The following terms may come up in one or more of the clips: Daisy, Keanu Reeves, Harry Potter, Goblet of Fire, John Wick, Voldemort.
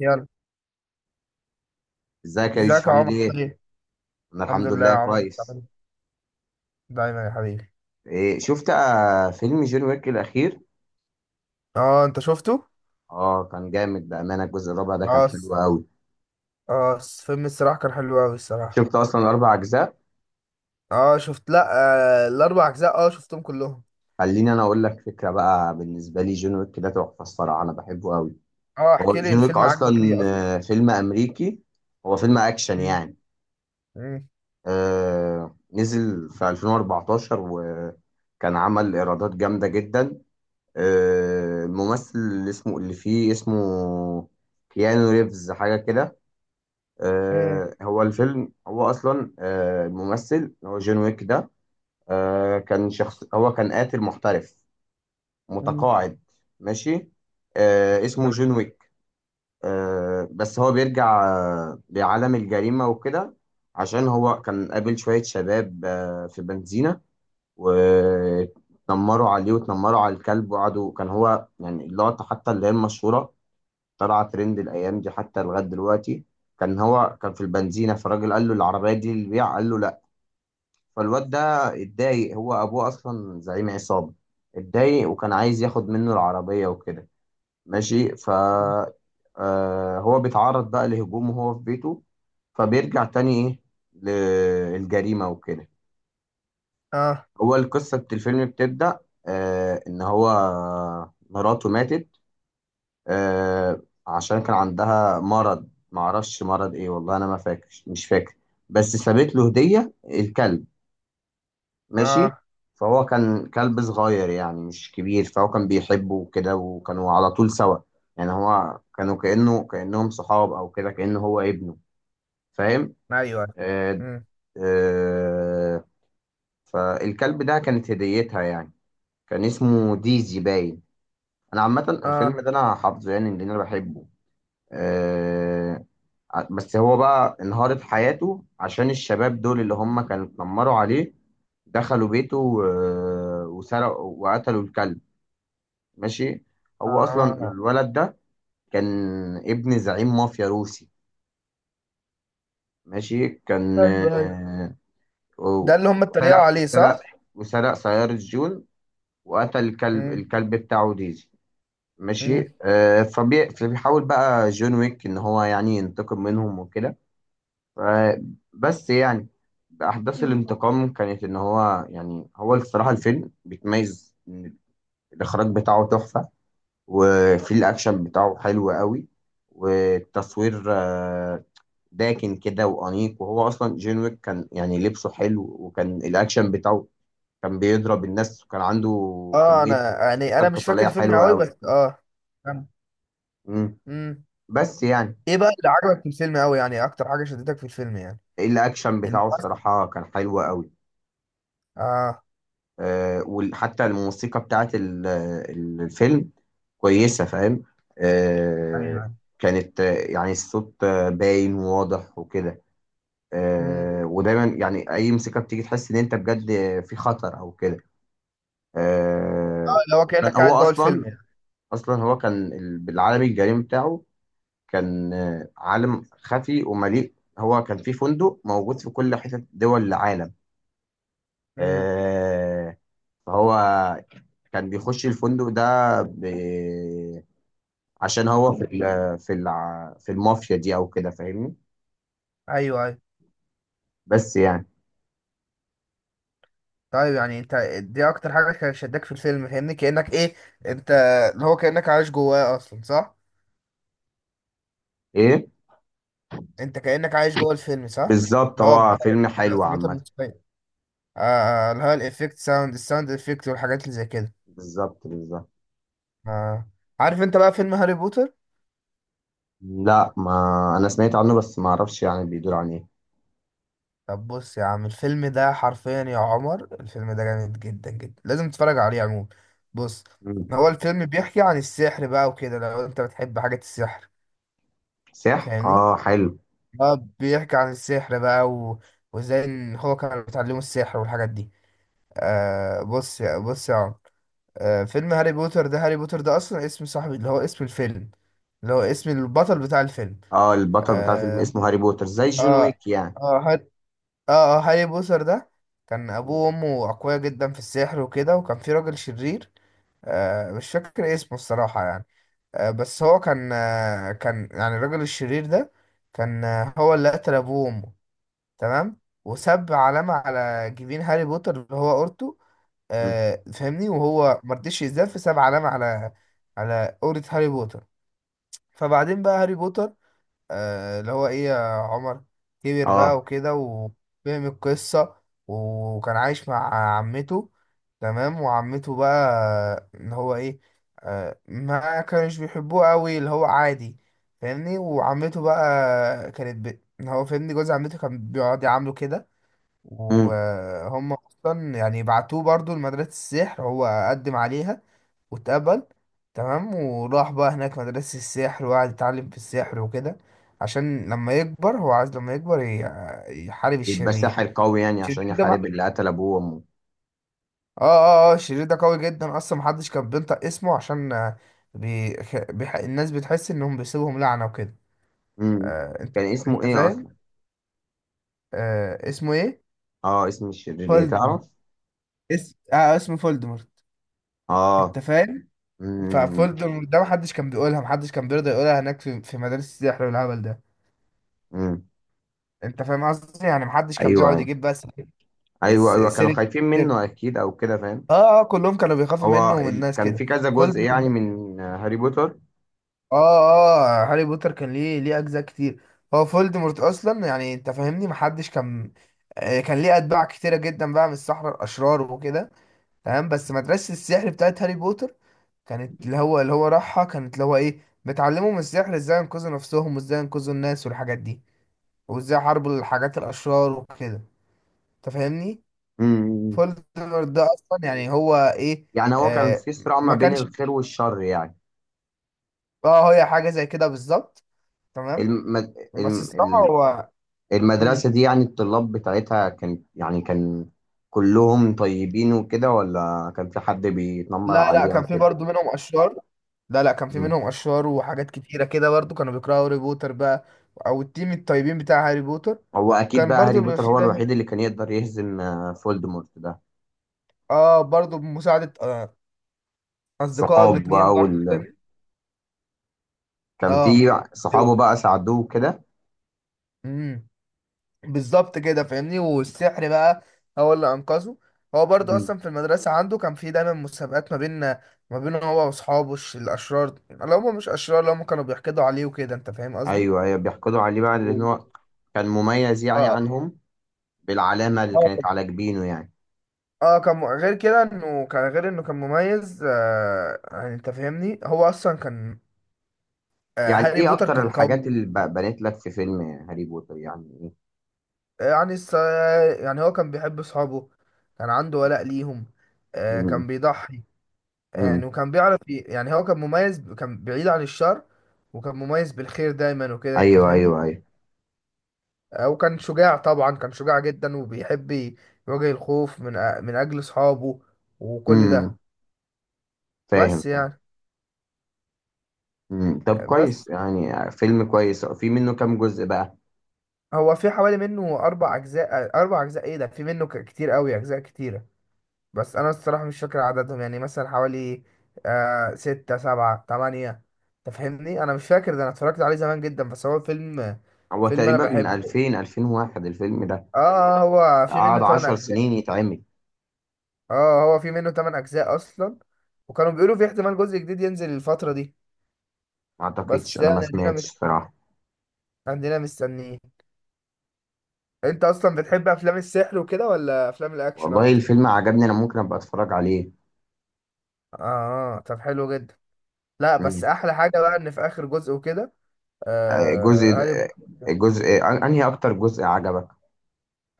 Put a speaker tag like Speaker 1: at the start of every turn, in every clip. Speaker 1: يلا،
Speaker 2: ازيك يا
Speaker 1: ازيك
Speaker 2: يوسف،
Speaker 1: يا
Speaker 2: عامل
Speaker 1: عمر؟
Speaker 2: ايه؟
Speaker 1: طيب
Speaker 2: انا
Speaker 1: الحمد
Speaker 2: الحمد
Speaker 1: لله يا
Speaker 2: لله
Speaker 1: عمر. بتعمل
Speaker 2: كويس.
Speaker 1: إيه؟ دايما يا حبيبي.
Speaker 2: إيه شفت فيلم جون ويك الاخير؟
Speaker 1: اه انت شفته.
Speaker 2: اه كان جامد بامانه، الجزء الرابع ده كان
Speaker 1: اه س-
Speaker 2: حلو قوي.
Speaker 1: فيلم الصراحه كان حلو قوي الصراحه.
Speaker 2: شفت اصلا اربع اجزاء.
Speaker 1: اه شفت، لا. آه الاربع اجزاء اه شفتهم كلهم.
Speaker 2: خليني انا اقول لك فكره بقى، بالنسبه لي جون ويك ده تحفه الصراحه، انا بحبه قوي.
Speaker 1: اه
Speaker 2: هو
Speaker 1: احكي لي،
Speaker 2: جون ويك
Speaker 1: الفيلم عجبك
Speaker 2: اصلا
Speaker 1: ليه اصلا؟
Speaker 2: فيلم امريكي، هو فيلم اكشن
Speaker 1: مم،
Speaker 2: يعني.
Speaker 1: مم،
Speaker 2: نزل في 2014، وكان عمل ايرادات جامده جدا. الممثل اللي فيه اسمه كيانو ريفز حاجة كده.
Speaker 1: مم،
Speaker 2: هو الفيلم هو أصلا الممثل اللي هو جون ويك ده كان شخص، هو كان قاتل محترف
Speaker 1: مم.
Speaker 2: متقاعد. ماشي اسمه جون
Speaker 1: تمام.
Speaker 2: ويك. بس هو بيرجع لعالم الجريمة وكده، عشان هو كان قابل شوية شباب في بنزينة. واتنمروا عليه، واتنمروا على الكلب، وقعدوا كان هو يعني اللقطة حتى اللي هي المشهورة، طلع ترند الايام دي حتى لغايه دلوقتي. كان هو كان في البنزينه، فالراجل قال له العربيه دي للبيع، قال له لا. فالواد ده اتضايق، هو ابوه اصلا زعيم عصابه، اتضايق وكان عايز ياخد منه العربيه وكده. ماشي ف هو بيتعرض بقى لهجوم وهو في بيته، فبيرجع تاني ايه للجريمه وكده.
Speaker 1: اه
Speaker 2: هو القصه الفيلم بتبدا ان هو مراته ماتت. آه، عشان كان عندها مرض، معرفش مرض ايه والله، انا ما فاكر، مش فاكر. بس سابت له هدية، الكلب. ماشي.
Speaker 1: اه
Speaker 2: فهو كان كلب صغير يعني مش كبير، فهو كان بيحبه وكده، وكانوا على طول سوا. يعني هو كانوا كأنه كأنهم صحاب او كده، كأنه هو ابنه. فاهم.
Speaker 1: ايوه.
Speaker 2: آه.
Speaker 1: مم.
Speaker 2: آه. فالكلب ده كانت هديتها يعني، كان اسمه ديزي باين. انا عامة الفيلم
Speaker 1: اه
Speaker 2: ده انا حافظه يعني لان انا بحبه. آه، بس هو بقى انهار في حياته عشان الشباب دول اللي هم كانوا اتنمروا عليه، دخلوا بيته وسرقوا وقتلوا الكلب. ماشي. هو اصلا
Speaker 1: اه
Speaker 2: الولد ده كان ابن زعيم مافيا روسي. ماشي، كان
Speaker 1: ايوه ايوه، ده
Speaker 2: و-
Speaker 1: اللي هم اتريقوا
Speaker 2: سرق
Speaker 1: عليه صح؟
Speaker 2: سرق وسرق سيارة جون، وقتل الكلب
Speaker 1: مم،
Speaker 2: بتاعه ديزي.
Speaker 1: مم.
Speaker 2: ماشي فبيحاول بقى جون ويك ان هو يعني ينتقم منهم وكده. آه، بس يعني أحداث الانتقام كانت إن هو يعني، هو الصراحة الفيلم بيتميز إن الإخراج بتاعه تحفة، وفي الأكشن بتاعه حلو قوي، والتصوير داكن كده وأنيق. وهو أصلا جون ويك كان يعني لبسه حلو، وكان الأكشن بتاعه كان بيضرب الناس، وكان عنده
Speaker 1: اه
Speaker 2: كمية
Speaker 1: انا يعني
Speaker 2: فكر
Speaker 1: مش فاكر
Speaker 2: قتالية
Speaker 1: الفيلم
Speaker 2: حلوة
Speaker 1: قوي
Speaker 2: قوي.
Speaker 1: بس اه كمل.
Speaker 2: مم.
Speaker 1: مم.
Speaker 2: بس يعني
Speaker 1: ايه بقى اللي عجبك في الفيلم قوي؟ يعني اكتر حاجه شدتك في الفيلم يعني
Speaker 2: الأكشن بتاعه
Speaker 1: الممثل؟
Speaker 2: الصراحة كان حلو قوي.
Speaker 1: اه.
Speaker 2: وحتى الموسيقى بتاعت الفيلم كويسة، فاهم. آه،
Speaker 1: ايوه ايوه.
Speaker 2: كانت يعني الصوت باين وواضح وكده.
Speaker 1: امم.
Speaker 2: ودايما يعني أي موسيقى بتيجي تحس إن أنت بجد في خطر أو كده.
Speaker 1: اه، اللي هو كانك
Speaker 2: وكان هو
Speaker 1: قاعد جوه الفيلم
Speaker 2: أصلا،
Speaker 1: يعني.
Speaker 2: أصلا هو كان بالعالم الجريم بتاعه، كان عالم خفي ومليء، هو كان في فندق موجود في كل حتة دول العالم.
Speaker 1: امم.
Speaker 2: آه، فهو كان بيخش الفندق ده ب... عشان هو في ال... في الع... في المافيا دي او كده، فاهمني.
Speaker 1: ايوه ايوه.
Speaker 2: بس يعني
Speaker 1: طيب يعني انت، دي اكتر حاجه كانت شداك في الفيلم؟ فاهمني كانك ايه، انت، اللي هو كانك عايش جواه اصلا صح؟
Speaker 2: ايه.
Speaker 1: انت كانك عايش جوه الفيلم صح؟
Speaker 2: بالظبط،
Speaker 1: اللي هو ب-
Speaker 2: هو فيلم حلو
Speaker 1: التأثيرات
Speaker 2: عامة.
Speaker 1: الموسيقيه. اللي هو الافكت ساوند، الساوند افكت والحاجات اللي زي كده.
Speaker 2: بالظبط بالظبط.
Speaker 1: آه، عارف انت بقى فيلم هاري بوتر؟
Speaker 2: لا، ما انا سمعت عنه بس ما اعرفش يعني بيدور عن ايه.
Speaker 1: طب بص يا عم، الفيلم ده حرفيا يا عمر الفيلم ده جامد جدا جدا، لازم تتفرج عليه عموما. بص،
Speaker 2: مم.
Speaker 1: هو الفيلم بيحكي عن السحر بقى وكده، لو انت بتحب حاجة السحر.
Speaker 2: صح،
Speaker 1: فاهمني.
Speaker 2: اه حلو.
Speaker 1: اه بيحكي عن السحر بقى و... وازاي ان هو كان بيتعلموا السحر والحاجات دي. بص يا عمر، آه فيلم هاري بوتر ده، هاري بوتر ده اصلا اسم صاحبي، اللي هو اسم الفيلم، اللي هو اسم البطل بتاع الفيلم.
Speaker 2: اه، البطل بتاع الفيلم
Speaker 1: اه
Speaker 2: اسمه هاري بوتر زي جون
Speaker 1: اه,
Speaker 2: ويك يعني.
Speaker 1: آه اه هاري بوتر ده كان
Speaker 2: مم.
Speaker 1: ابوه وامه اقوياء جدا في السحر وكده، وكان في راجل شرير. آه مش فاكر اسمه الصراحة يعني. آه بس هو كان آه كان يعني الراجل الشرير ده، كان آه هو اللي قتل ابوه وامه. تمام، وساب علامة على جبين هاري بوتر اللي هو اورته.
Speaker 2: مم.
Speaker 1: آه فاهمني، وهو مرضيش يزداد فساب علامة على، على قورة هاري بوتر. فبعدين بقى هاري بوتر، اللي هو ايه يا عمر، كبر بقى
Speaker 2: اه.
Speaker 1: وكده وفهم القصة، وكان عايش مع عمته. تمام، وعمته بقى ان هو ايه، ما كانش بيحبوه قوي اللي هو عادي. فاهمني، وعمته بقى كانت ب... ان هو فاهمني، جوز عمته كان بيقعد يعامله كده،
Speaker 2: مم.
Speaker 1: وهم اصلا يعني بعتوه برضو لمدرسة السحر، هو قدم عليها واتقبل. تمام، وراح بقى هناك مدرسة السحر وقعد يتعلم في السحر وكده، عشان لما يكبر هو عايز لما يكبر يحارب
Speaker 2: يبقى
Speaker 1: الشرير،
Speaker 2: ساحر قوي يعني
Speaker 1: الشرير
Speaker 2: عشان
Speaker 1: ده
Speaker 2: يحارب
Speaker 1: بقى.
Speaker 2: اللي قتل ابوه وامه.
Speaker 1: اه الشرير ده قوي جدا اصلا، محدش كان بينطق اسمه عشان بي... الناس بتحس انهم بيسيبهم لعنة وكده.
Speaker 2: مم.
Speaker 1: آه انت،
Speaker 2: كان اسمه
Speaker 1: انت
Speaker 2: ايه
Speaker 1: فاهم.
Speaker 2: اصلا؟
Speaker 1: آه اسمه ايه؟
Speaker 2: اه، اسم الشرير ايه
Speaker 1: فولدمورت.
Speaker 2: تعرف؟
Speaker 1: اسم اسمه فولدمورت.
Speaker 2: اه.
Speaker 1: انت فاهم.
Speaker 2: امم.
Speaker 1: ففولدمورت ده محدش كان بيقولها، محدش كان بيرضى يقولها هناك في مدارس السحر والهبل ده.
Speaker 2: امم.
Speaker 1: انت فاهم قصدي، يعني محدش كان
Speaker 2: ايوه
Speaker 1: بيقعد
Speaker 2: ايوه،
Speaker 1: يجيب بس
Speaker 2: ايوه ايوه كانوا
Speaker 1: سيرة،
Speaker 2: خايفين
Speaker 1: سيرة.
Speaker 2: منه اكيد او كده، فاهم.
Speaker 1: اه اه كلهم كانوا بيخافوا منه ومن الناس
Speaker 2: كان في
Speaker 1: كده.
Speaker 2: كذا
Speaker 1: فولد،
Speaker 2: جزء يعني من هاري بوتر؟
Speaker 1: اه هاري بوتر كان ليه، ليه اجزاء كتير. هو فولدمورت اصلا يعني انت فاهمني، محدش كان، آه، كان ليه اتباع كتيرة جدا بقى من السحرة الاشرار وكده. تمام، بس مدرسة السحر بتاعت هاري بوتر كانت، اللي هو راحها، كانت اللي هو ايه، بتعلمهم السحر ازاي ينقذوا نفسهم وازاي ينقذوا الناس والحاجات دي، وازاي يحاربوا الحاجات الاشرار وكده. انت فاهمني،
Speaker 2: امم.
Speaker 1: فولدمورت ده اصلا يعني هو ايه.
Speaker 2: يعني هو كان
Speaker 1: آه
Speaker 2: في صراع ما
Speaker 1: ما
Speaker 2: بين
Speaker 1: كانش،
Speaker 2: الخير والشر يعني.
Speaker 1: اه هي حاجه زي كده بالظبط. تمام،
Speaker 2: المد... الم...
Speaker 1: بس الصراحه
Speaker 2: ال-
Speaker 1: هو مم.
Speaker 2: المدرسة دي يعني الطلاب بتاعتها، كان يعني كان كلهم طيبين وكده، ولا كان في حد بيتنمر
Speaker 1: لا
Speaker 2: عليه او
Speaker 1: كان في
Speaker 2: كده؟
Speaker 1: برضو منهم اشرار. لا كان في
Speaker 2: امم.
Speaker 1: منهم اشرار وحاجات كتيره كده، برضو كانوا بيكرهوا هاري بوتر بقى، او التيم الطيبين بتاع هاري بوتر.
Speaker 2: هو اكيد
Speaker 1: كان
Speaker 2: بقى هاري
Speaker 1: برضو بيبقى
Speaker 2: بوتر
Speaker 1: في
Speaker 2: هو
Speaker 1: ده،
Speaker 2: الوحيد اللي كان يقدر يهزم فولدمورت ده.
Speaker 1: اه برضو بمساعده آه اصدقائه
Speaker 2: الصحاب
Speaker 1: الاثنين
Speaker 2: بقى
Speaker 1: برضو
Speaker 2: وال...
Speaker 1: التاني.
Speaker 2: كان
Speaker 1: اه،
Speaker 2: في صحابه بقى ساعدوه كده.
Speaker 1: امم، بالظبط كده فاهمني. والسحر بقى هو اللي انقذه. هو برضه
Speaker 2: مم.
Speaker 1: اصلا في المدرسه عنده كان في دايما مسابقات ما بينه هو واصحابه الاشرار، اللي هم مش اشرار اللي هم كانوا بيحقدوا عليه وكده، انت فاهم قصدي.
Speaker 2: ايوه ايوه، بيحقدوا عليه بقى لان
Speaker 1: و-
Speaker 2: هو كان مميز يعني
Speaker 1: اه
Speaker 2: عنهم، بالعلامه اللي
Speaker 1: اه كان،
Speaker 2: كانت على جبينه يعني.
Speaker 1: غير انه كان مميز، آه يعني انت فاهمني، هو اصلا كان آه،
Speaker 2: يعني
Speaker 1: هاري
Speaker 2: ايه
Speaker 1: بوتر
Speaker 2: اكتر
Speaker 1: كان
Speaker 2: الحاجات
Speaker 1: قوي.
Speaker 2: اللي بنت لك في فيلم هاري بوتر يعني ايه؟
Speaker 1: يعني يعني هو كان بيحب اصحابه، كان عنده ولاء ليهم. آه
Speaker 2: مم.
Speaker 1: كان بيضحي يعني،
Speaker 2: مم.
Speaker 1: وكان بيعرف يعني هو كان مميز، كان بعيد عن الشر، وكان مميز بالخير دايما وكده، انت
Speaker 2: ايوه ايوه
Speaker 1: فاهمني.
Speaker 2: ايوه.
Speaker 1: آه، وكان شجاع طبعا، كان شجاع جدا وبيحب يواجه الخوف من اجل اصحابه، وكل
Speaker 2: مم.
Speaker 1: ده.
Speaker 2: فاهم
Speaker 1: بس
Speaker 2: فاهم.
Speaker 1: يعني
Speaker 2: مم. طب
Speaker 1: آه، بس
Speaker 2: كويس يعني، فيلم كويس. في منه كام جزء بقى؟
Speaker 1: هو في حوالي منه اربع اجزاء، آه اربع اجزاء، ايه ده في منه كتير قوي اجزاء كتيرة. بس انا الصراحة مش فاكر عددهم يعني، مثلا حوالي آه ستة سبعة تمانية. تفهمني انا مش فاكر ده، انا اتفرجت عليه زمان جدا، بس هو فيلم،
Speaker 2: هو
Speaker 1: فيلم انا
Speaker 2: تقريبا من
Speaker 1: بحبه.
Speaker 2: 2000 2001 الفيلم ده،
Speaker 1: اه آه، هو في منه
Speaker 2: قعد
Speaker 1: 8
Speaker 2: 10
Speaker 1: اجزاء،
Speaker 2: سنين يتعمل.
Speaker 1: اه هو في منه 8 اجزاء اصلا. وكانوا بيقولوا في احتمال جزء جديد ينزل الفترة دي.
Speaker 2: ما اعتقدش،
Speaker 1: بس
Speaker 2: انا ما
Speaker 1: يعني عندنا
Speaker 2: سمعتش صراحه.
Speaker 1: عندنا مستنيين. انت اصلا بتحب افلام السحر وكده ولا افلام الاكشن
Speaker 2: والله
Speaker 1: اكتر؟
Speaker 2: الفيلم عجبني، انا ممكن ابقى اتفرج عليه.
Speaker 1: اه آه، طب حلو جدا. لا بس
Speaker 2: مم.
Speaker 1: احلى حاجة بقى ان في اخر جزء وكده،
Speaker 2: آه، جزء
Speaker 1: آه هاري،
Speaker 2: آه، جزء آه، انهي اكتر جزء عجبك؟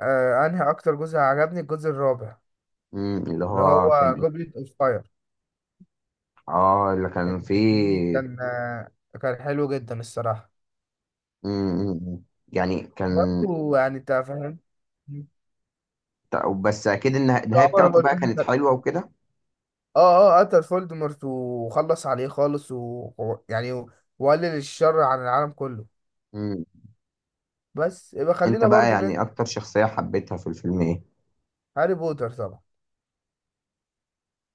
Speaker 1: آه انهي اكتر جزء عجبني؟ الجزء الرابع،
Speaker 2: مم، اللي
Speaker 1: اللي
Speaker 2: هو كان
Speaker 1: هو
Speaker 2: إيه؟
Speaker 1: جوبليت اوف فاير.
Speaker 2: اه، اللي كان
Speaker 1: انت فاهمني؟
Speaker 2: فيه.
Speaker 1: كان آه، كان حلو جدا الصراحة.
Speaker 2: مم، مم، مم. يعني كان،
Speaker 1: برضه يعني انت فاهم
Speaker 2: بس اكيد النهاية
Speaker 1: عمر،
Speaker 2: بتاعته
Speaker 1: هو
Speaker 2: بقى
Speaker 1: الفيلم
Speaker 2: كانت
Speaker 1: كان
Speaker 2: حلوة وكده.
Speaker 1: اه اه قتل فولدمورت وخلص عليه خالص و... و- يعني و- وقلل الشر عن العالم كله.
Speaker 2: مم.
Speaker 1: بس يبقى
Speaker 2: انت
Speaker 1: خلينا
Speaker 2: بقى
Speaker 1: برضو
Speaker 2: يعني
Speaker 1: ننزل.
Speaker 2: اكتر شخصية حبيتها في الفيلم ايه؟
Speaker 1: هاري بوتر طبعا.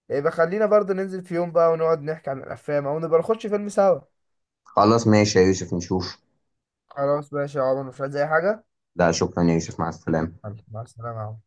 Speaker 1: يبقى خلينا برضو ننزل في يوم بقى ونقعد نحكي عن الافلام او نبقى نخش فيلم سوا.
Speaker 2: خلاص ماشي يا يوسف، نشوف.
Speaker 1: خلاص ماشي يا عمر، مش عايز اي حاجه؟
Speaker 2: لا شكرا يا يوسف، مع السلامة.
Speaker 1: حبيبي، مع السلامه يا عمر.